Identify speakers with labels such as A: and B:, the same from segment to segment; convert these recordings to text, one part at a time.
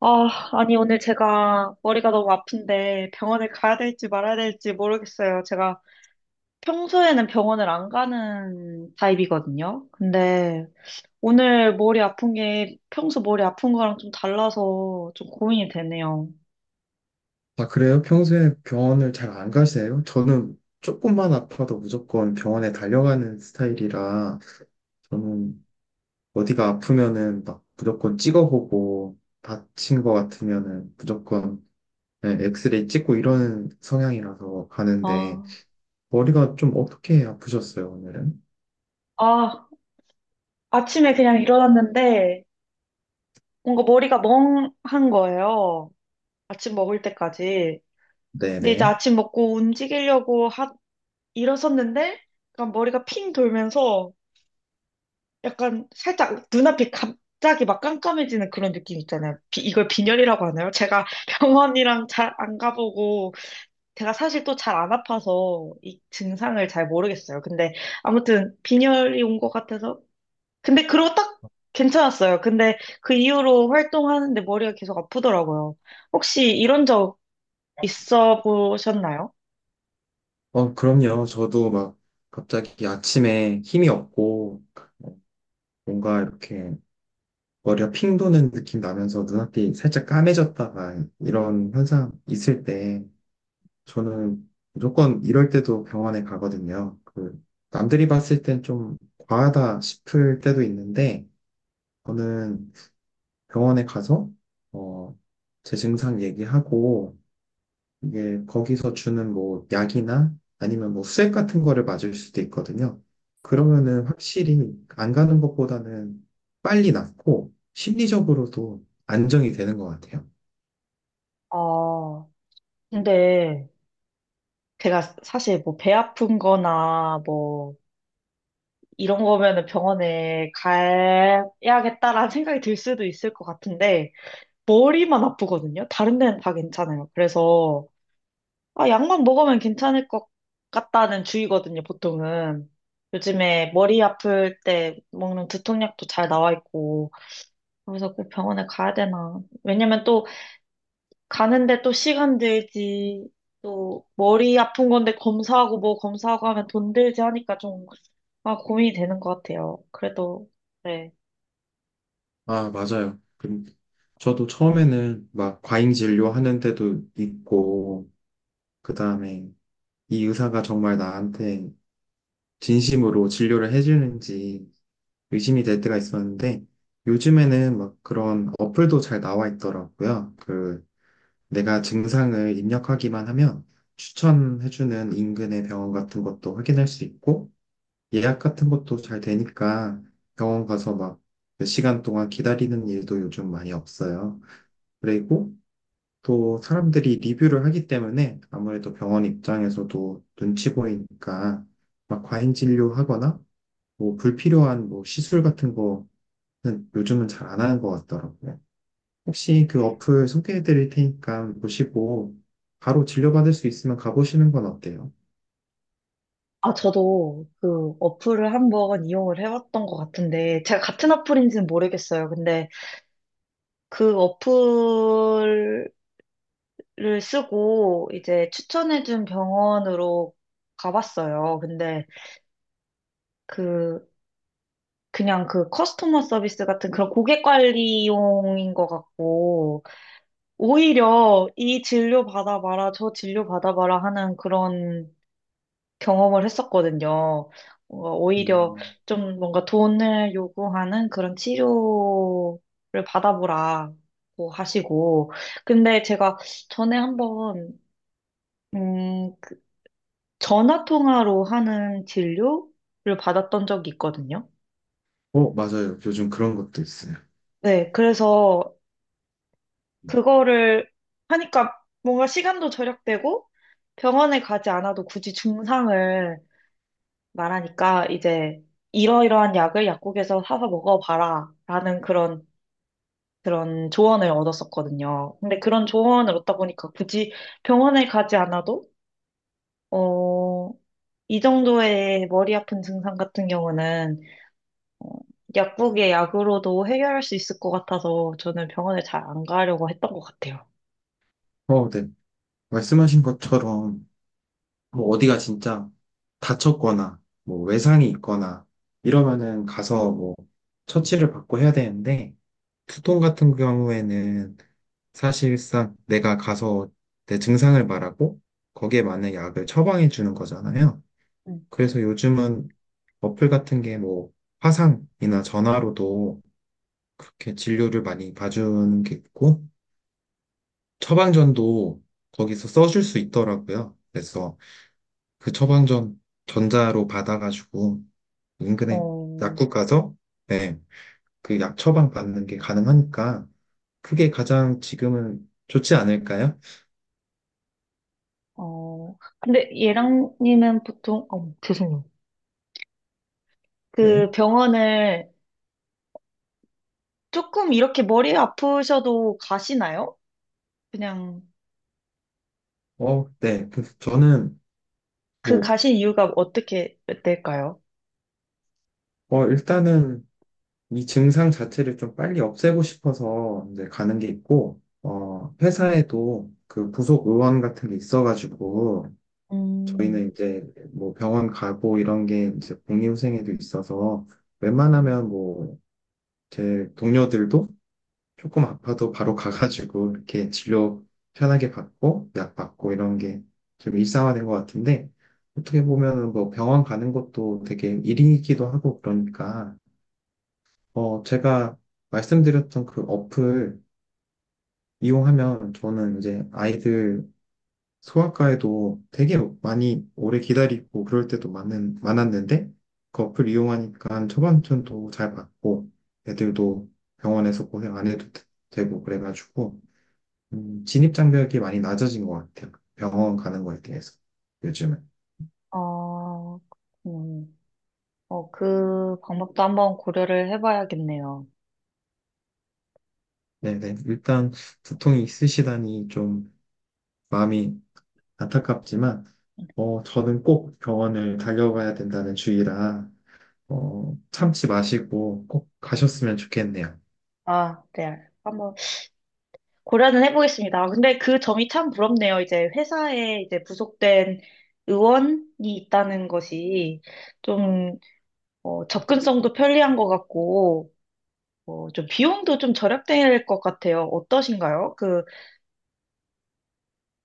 A: 아, 아니, 오늘 제가 머리가 너무 아픈데 병원에 가야 될지 말아야 될지 모르겠어요. 제가 평소에는 병원을 안 가는 타입이거든요. 근데 오늘 머리 아픈 게 평소 머리 아픈 거랑 좀 달라서 좀 고민이 되네요.
B: 아, 그래요? 평소에 병원을 잘 안 가세요? 저는 조금만 아파도 무조건 병원에 달려가는 스타일이라 저는 어디가 아프면은 막 무조건 찍어보고 다친 것 같으면은 무조건 네, 엑스레이 찍고 이러는 성향이라서 가는데,
A: 아,
B: 머리가 좀 어떻게 아프셨어요, 오늘은?
A: 아, 아침에 그냥 일어났는데 뭔가 머리가 멍한 거예요. 아침 먹을 때까지. 근데 이제
B: 네네.
A: 아침 먹고 움직이려고 일어섰는데 약간 머리가 핑 돌면서 약간 살짝 눈앞이 갑자기 막 깜깜해지는 그런 느낌 있잖아요. 이걸 빈혈이라고 하나요? 제가 병원이랑 잘 안 가보고 제가 사실 또 잘 안 아파서 이 증상을 잘 모르겠어요. 근데 아무튼 빈혈이 온 것 같아서 근데 그러고 딱 괜찮았어요. 근데 그 이후로 활동하는데 머리가 계속 아프더라고요. 혹시 이런 적 있어 보셨나요?
B: 어, 그럼요. 저도 막 갑자기 아침에 힘이 없고 뭔가 이렇게 머리가 핑 도는 느낌 나면서 눈앞이 살짝 까매졌다가 이런 현상 있을 때 저는 무조건 이럴 때도 병원에 가거든요. 그 남들이 봤을 땐 좀 과하다 싶을 때도 있는데 저는 병원에 가서 어, 제 증상 얘기하고 이게 거기서 주는 뭐 약이나 아니면 뭐 수액 같은 거를 맞을 수도 있거든요.
A: 네.
B: 그러면은 확실히 안 가는 것보다는 빨리 낫고 심리적으로도 안정이 되는 것 같아요.
A: 아, 근데 제가 사실 뭐 배 아픈 거나 뭐 이런 거면은 병원에 가야겠다라는 생각이 들 수도 있을 것 같은데, 머리만 아프거든요? 다른 데는 다 괜찮아요. 그래서, 아, 약만 먹으면 괜찮을 것 같다는 주의거든요, 보통은. 요즘에 머리 아플 때 먹는 두통약도 잘 나와 있고, 그래서 꼭 병원에 가야 되나. 왜냐면 또, 가는데 또 시간 들지, 또, 머리 아픈 건데 검사하고 뭐 검사하고 하면 돈 들지 하니까 좀, 아, 고민이 되는 것 같아요. 그래도, 네.
B: 아, 맞아요. 저도 처음에는 막 과잉 진료하는 데도 있고, 그 다음에 이 의사가 정말 나한테 진심으로 진료를 해주는지 의심이 될 때가 있었는데, 요즘에는 막 그런 어플도 잘 나와 있더라고요. 그 내가 증상을 입력하기만 하면 추천해주는 인근의 병원 같은 것도 확인할 수 있고 예약 같은 것도 잘 되니까 병원 가서 막 몇 시간 동안 기다리는 일도 요즘 많이 없어요. 그리고 또 사람들이 리뷰를 하기 때문에 아무래도 병원 입장에서도 눈치 보이니까 막 과잉 진료하거나 뭐 불필요한 뭐 시술 같은 거는 요즘은 잘 안 하는 것 같더라고요. 혹시 그 어플 소개해 드릴 테니까 보시고 바로 진료받을 수 있으면 가보시는 건 어때요?
A: 아, 저도 그 어플을 한번 이용을 해봤던 것 같은데, 제가 같은 어플인지는 모르겠어요. 근데 그 어플을 쓰고 이제 추천해준 병원으로 가봤어요. 근데 그, 그냥 그 커스터머 서비스 같은 그런 고객 관리용인 것 같고, 오히려 이 진료 받아봐라, 저 진료 받아봐라 하는 그런 경험을 했었거든요. 뭔가 오히려
B: 음,
A: 좀 뭔가 돈을 요구하는 그런 치료를 받아보라고 하시고. 근데 제가 전에 한번, 그 전화 통화로 하는 진료를 받았던 적이 있거든요.
B: 어, 맞아요. 요즘 그런 것도 있어요.
A: 네, 그래서 그거를 하니까 뭔가 시간도 절약되고 병원에 가지 않아도 굳이 증상을 말하니까 이제 이러이러한 약을 약국에서 사서 먹어봐라 라는 그런 조언을 얻었었거든요. 근데 그런 조언을 얻다 보니까 굳이 병원에 가지 않아도 어, 이 정도의 머리 아픈 증상 같은 경우는 어, 약국의 약으로도 해결할 수 있을 것 같아서 저는 병원에 잘 안 가려고 했던 것 같아요.
B: 어, 네. 말씀하신 것처럼 뭐 어디가 진짜 다쳤거나 뭐 외상이 있거나 이러면은 가서 뭐 처치를 받고 해야 되는데 두통 같은 경우에는 사실상 내가 가서 내 증상을 말하고 거기에 맞는 약을 처방해 주는 거잖아요.
A: 음.
B: 그래서 요즘은 어플 같은 게 뭐 화상이나 전화로도 그렇게 진료를 많이 봐주는 게 있고 처방전도 거기서 써줄 수 있더라고요. 그래서 그 처방전 전자로 받아가지고 인근에
A: 어,
B: 약국 가서 네, 그 약 처방 받는 게 가능하니까 그게 가장 지금은 좋지 않을까요?
A: 근데 예랑님은 보통, 죄송해요.
B: 네.
A: 그 병원을 조금 이렇게 머리 아프셔도 가시나요? 그냥
B: 어, 네. 그 저는
A: 그
B: 뭐,
A: 가신 이유가 어떻게 될까요?
B: 어, 일단은 이 증상 자체를 좀 빨리 없애고 싶어서 이제 가는 게 있고, 어, 회사에도 그 부속 의원 같은 게 있어가지고,
A: 음,
B: 저희는 이제 뭐 병원 가고 이런 게 이제 공이후생에도 있어서,
A: 음.
B: 웬만하면 뭐 제 동료들도 조금 아파도 바로 가가지고 이렇게 진료 편하게 받고, 약 받고 이런 게 좀 일상화된 것 같은데, 어떻게 보면은 뭐 병원 가는 것도 되게 일이기도 하고 그러니까, 어, 제가 말씀드렸던 그 어플 이용하면 저는 이제 아이들 소아과에도 되게 많이 오래 기다리고 그럴 때도 많았는데 그 어플 이용하니까 처방전도 잘 받고 애들도 병원에서 고생 안 해도 되고 그래가지고 진입장벽이 많이 낮아진 것 같아요. 병원 가는 거에 대해서 요즘은.
A: 어, 음, 그 방법도 한번 고려를 해봐야겠네요.
B: 네네. 일단 두통이 있으시다니 좀 마음이 안타깝지만, 어, 저는 꼭 병원을 달려가야 된다는 주의라, 어, 참지 마시고 꼭
A: 네.
B: 가셨으면 좋겠네요.
A: 아, 네. 한번 고려는 해보겠습니다. 아, 근데 그 점이 참 부럽네요. 이제 회사에 이제 부속된 의원이 있다는 것이 좀 접근성도 편리한 것 같고 좀 비용도 좀 절약될 것 같아요. 어떠신가요? 그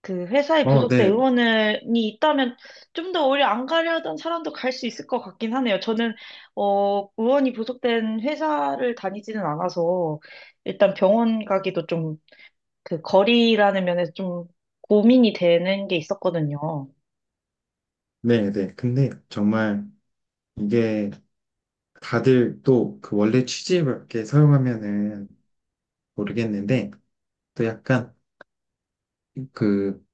A: 그 회사에
B: 어,
A: 부속된
B: 네,
A: 의원이 있다면 좀 더 오히려 안 가려던 사람도 갈 수 있을 것 같긴 하네요. 저는 의원이 부속된 회사를 다니지는 않아서 일단 병원 가기도 좀 그 거리라는 면에서 좀 고민이 되는 게 있었거든요.
B: 네, 네. 근데 정말 이게 다들 또 그 원래 취지에 맞게 사용하면은 모르겠는데, 또 약간 그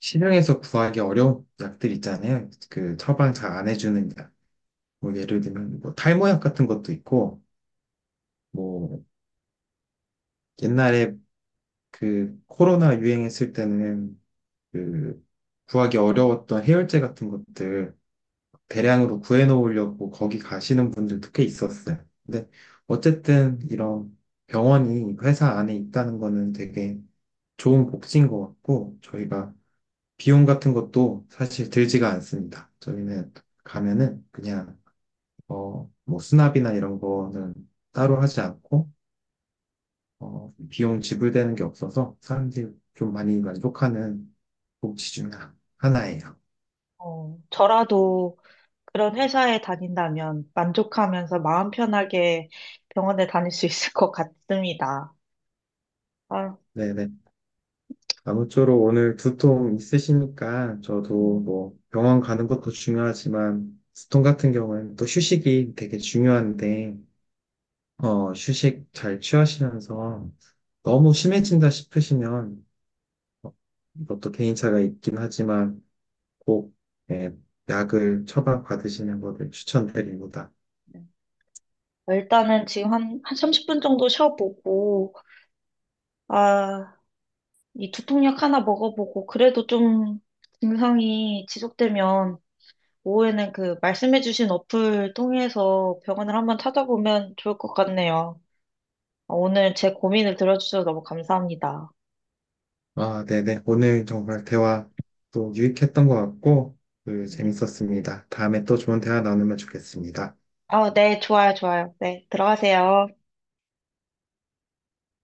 B: 시중에서 구하기 어려운 약들 있잖아요. 그 처방 잘 안 해주는 약. 뭐 예를 들면 뭐 탈모약 같은 것도 있고, 뭐 옛날에 그 코로나 유행했을 때는 그 구하기 어려웠던 해열제 같은 것들 대량으로 구해 놓으려고 거기 가시는 분들도 꽤 있었어요. 근데 어쨌든 이런 병원이 회사 안에 있다는 거는 되게 좋은 복지인 것 같고 저희가 비용 같은 것도 사실 들지가 않습니다. 저희는 가면은 그냥 뭐 수납이나 이런 거는 따로 하지 않고 어, 비용 지불되는 게 없어서 사람들이 좀 많이 만족하는 복지 중 하나예요.
A: 어, 저라도 그런 회사에 다닌다면 만족하면서 마음 편하게 병원에 다닐 수 있을 것 같습니다. 아,
B: 네네. 아무쪼록 오늘 두통 있으시니까 저도
A: 음.
B: 뭐 병원 가는 것도 중요하지만 두통 같은 경우는 또 휴식이 되게 중요한데 어, 휴식 잘 취하시면서 너무 심해진다 싶으시면 어, 이것도 개인차가 있긴 하지만 꼭 예, 약을 처방받으시는 것을 추천드립니다.
A: 네. 일단은 지금 한 30분 정도 쉬어보고 아, 이 두통약 하나 먹어보고, 그래도 좀 증상이 지속되면, 오후에는 그 말씀해주신 어플 통해서 병원을 한번 찾아보면 좋을 것 같네요. 아, 오늘 제 고민을 들어주셔서 너무 감사합니다.
B: 아, 네네. 오늘 정말 대화 또 유익했던 것 같고,
A: 네.
B: 재밌었습니다. 다음에 또 좋은 대화 나누면 좋겠습니다.
A: 아, 네, 좋아요, 좋아요. 네, 들어가세요.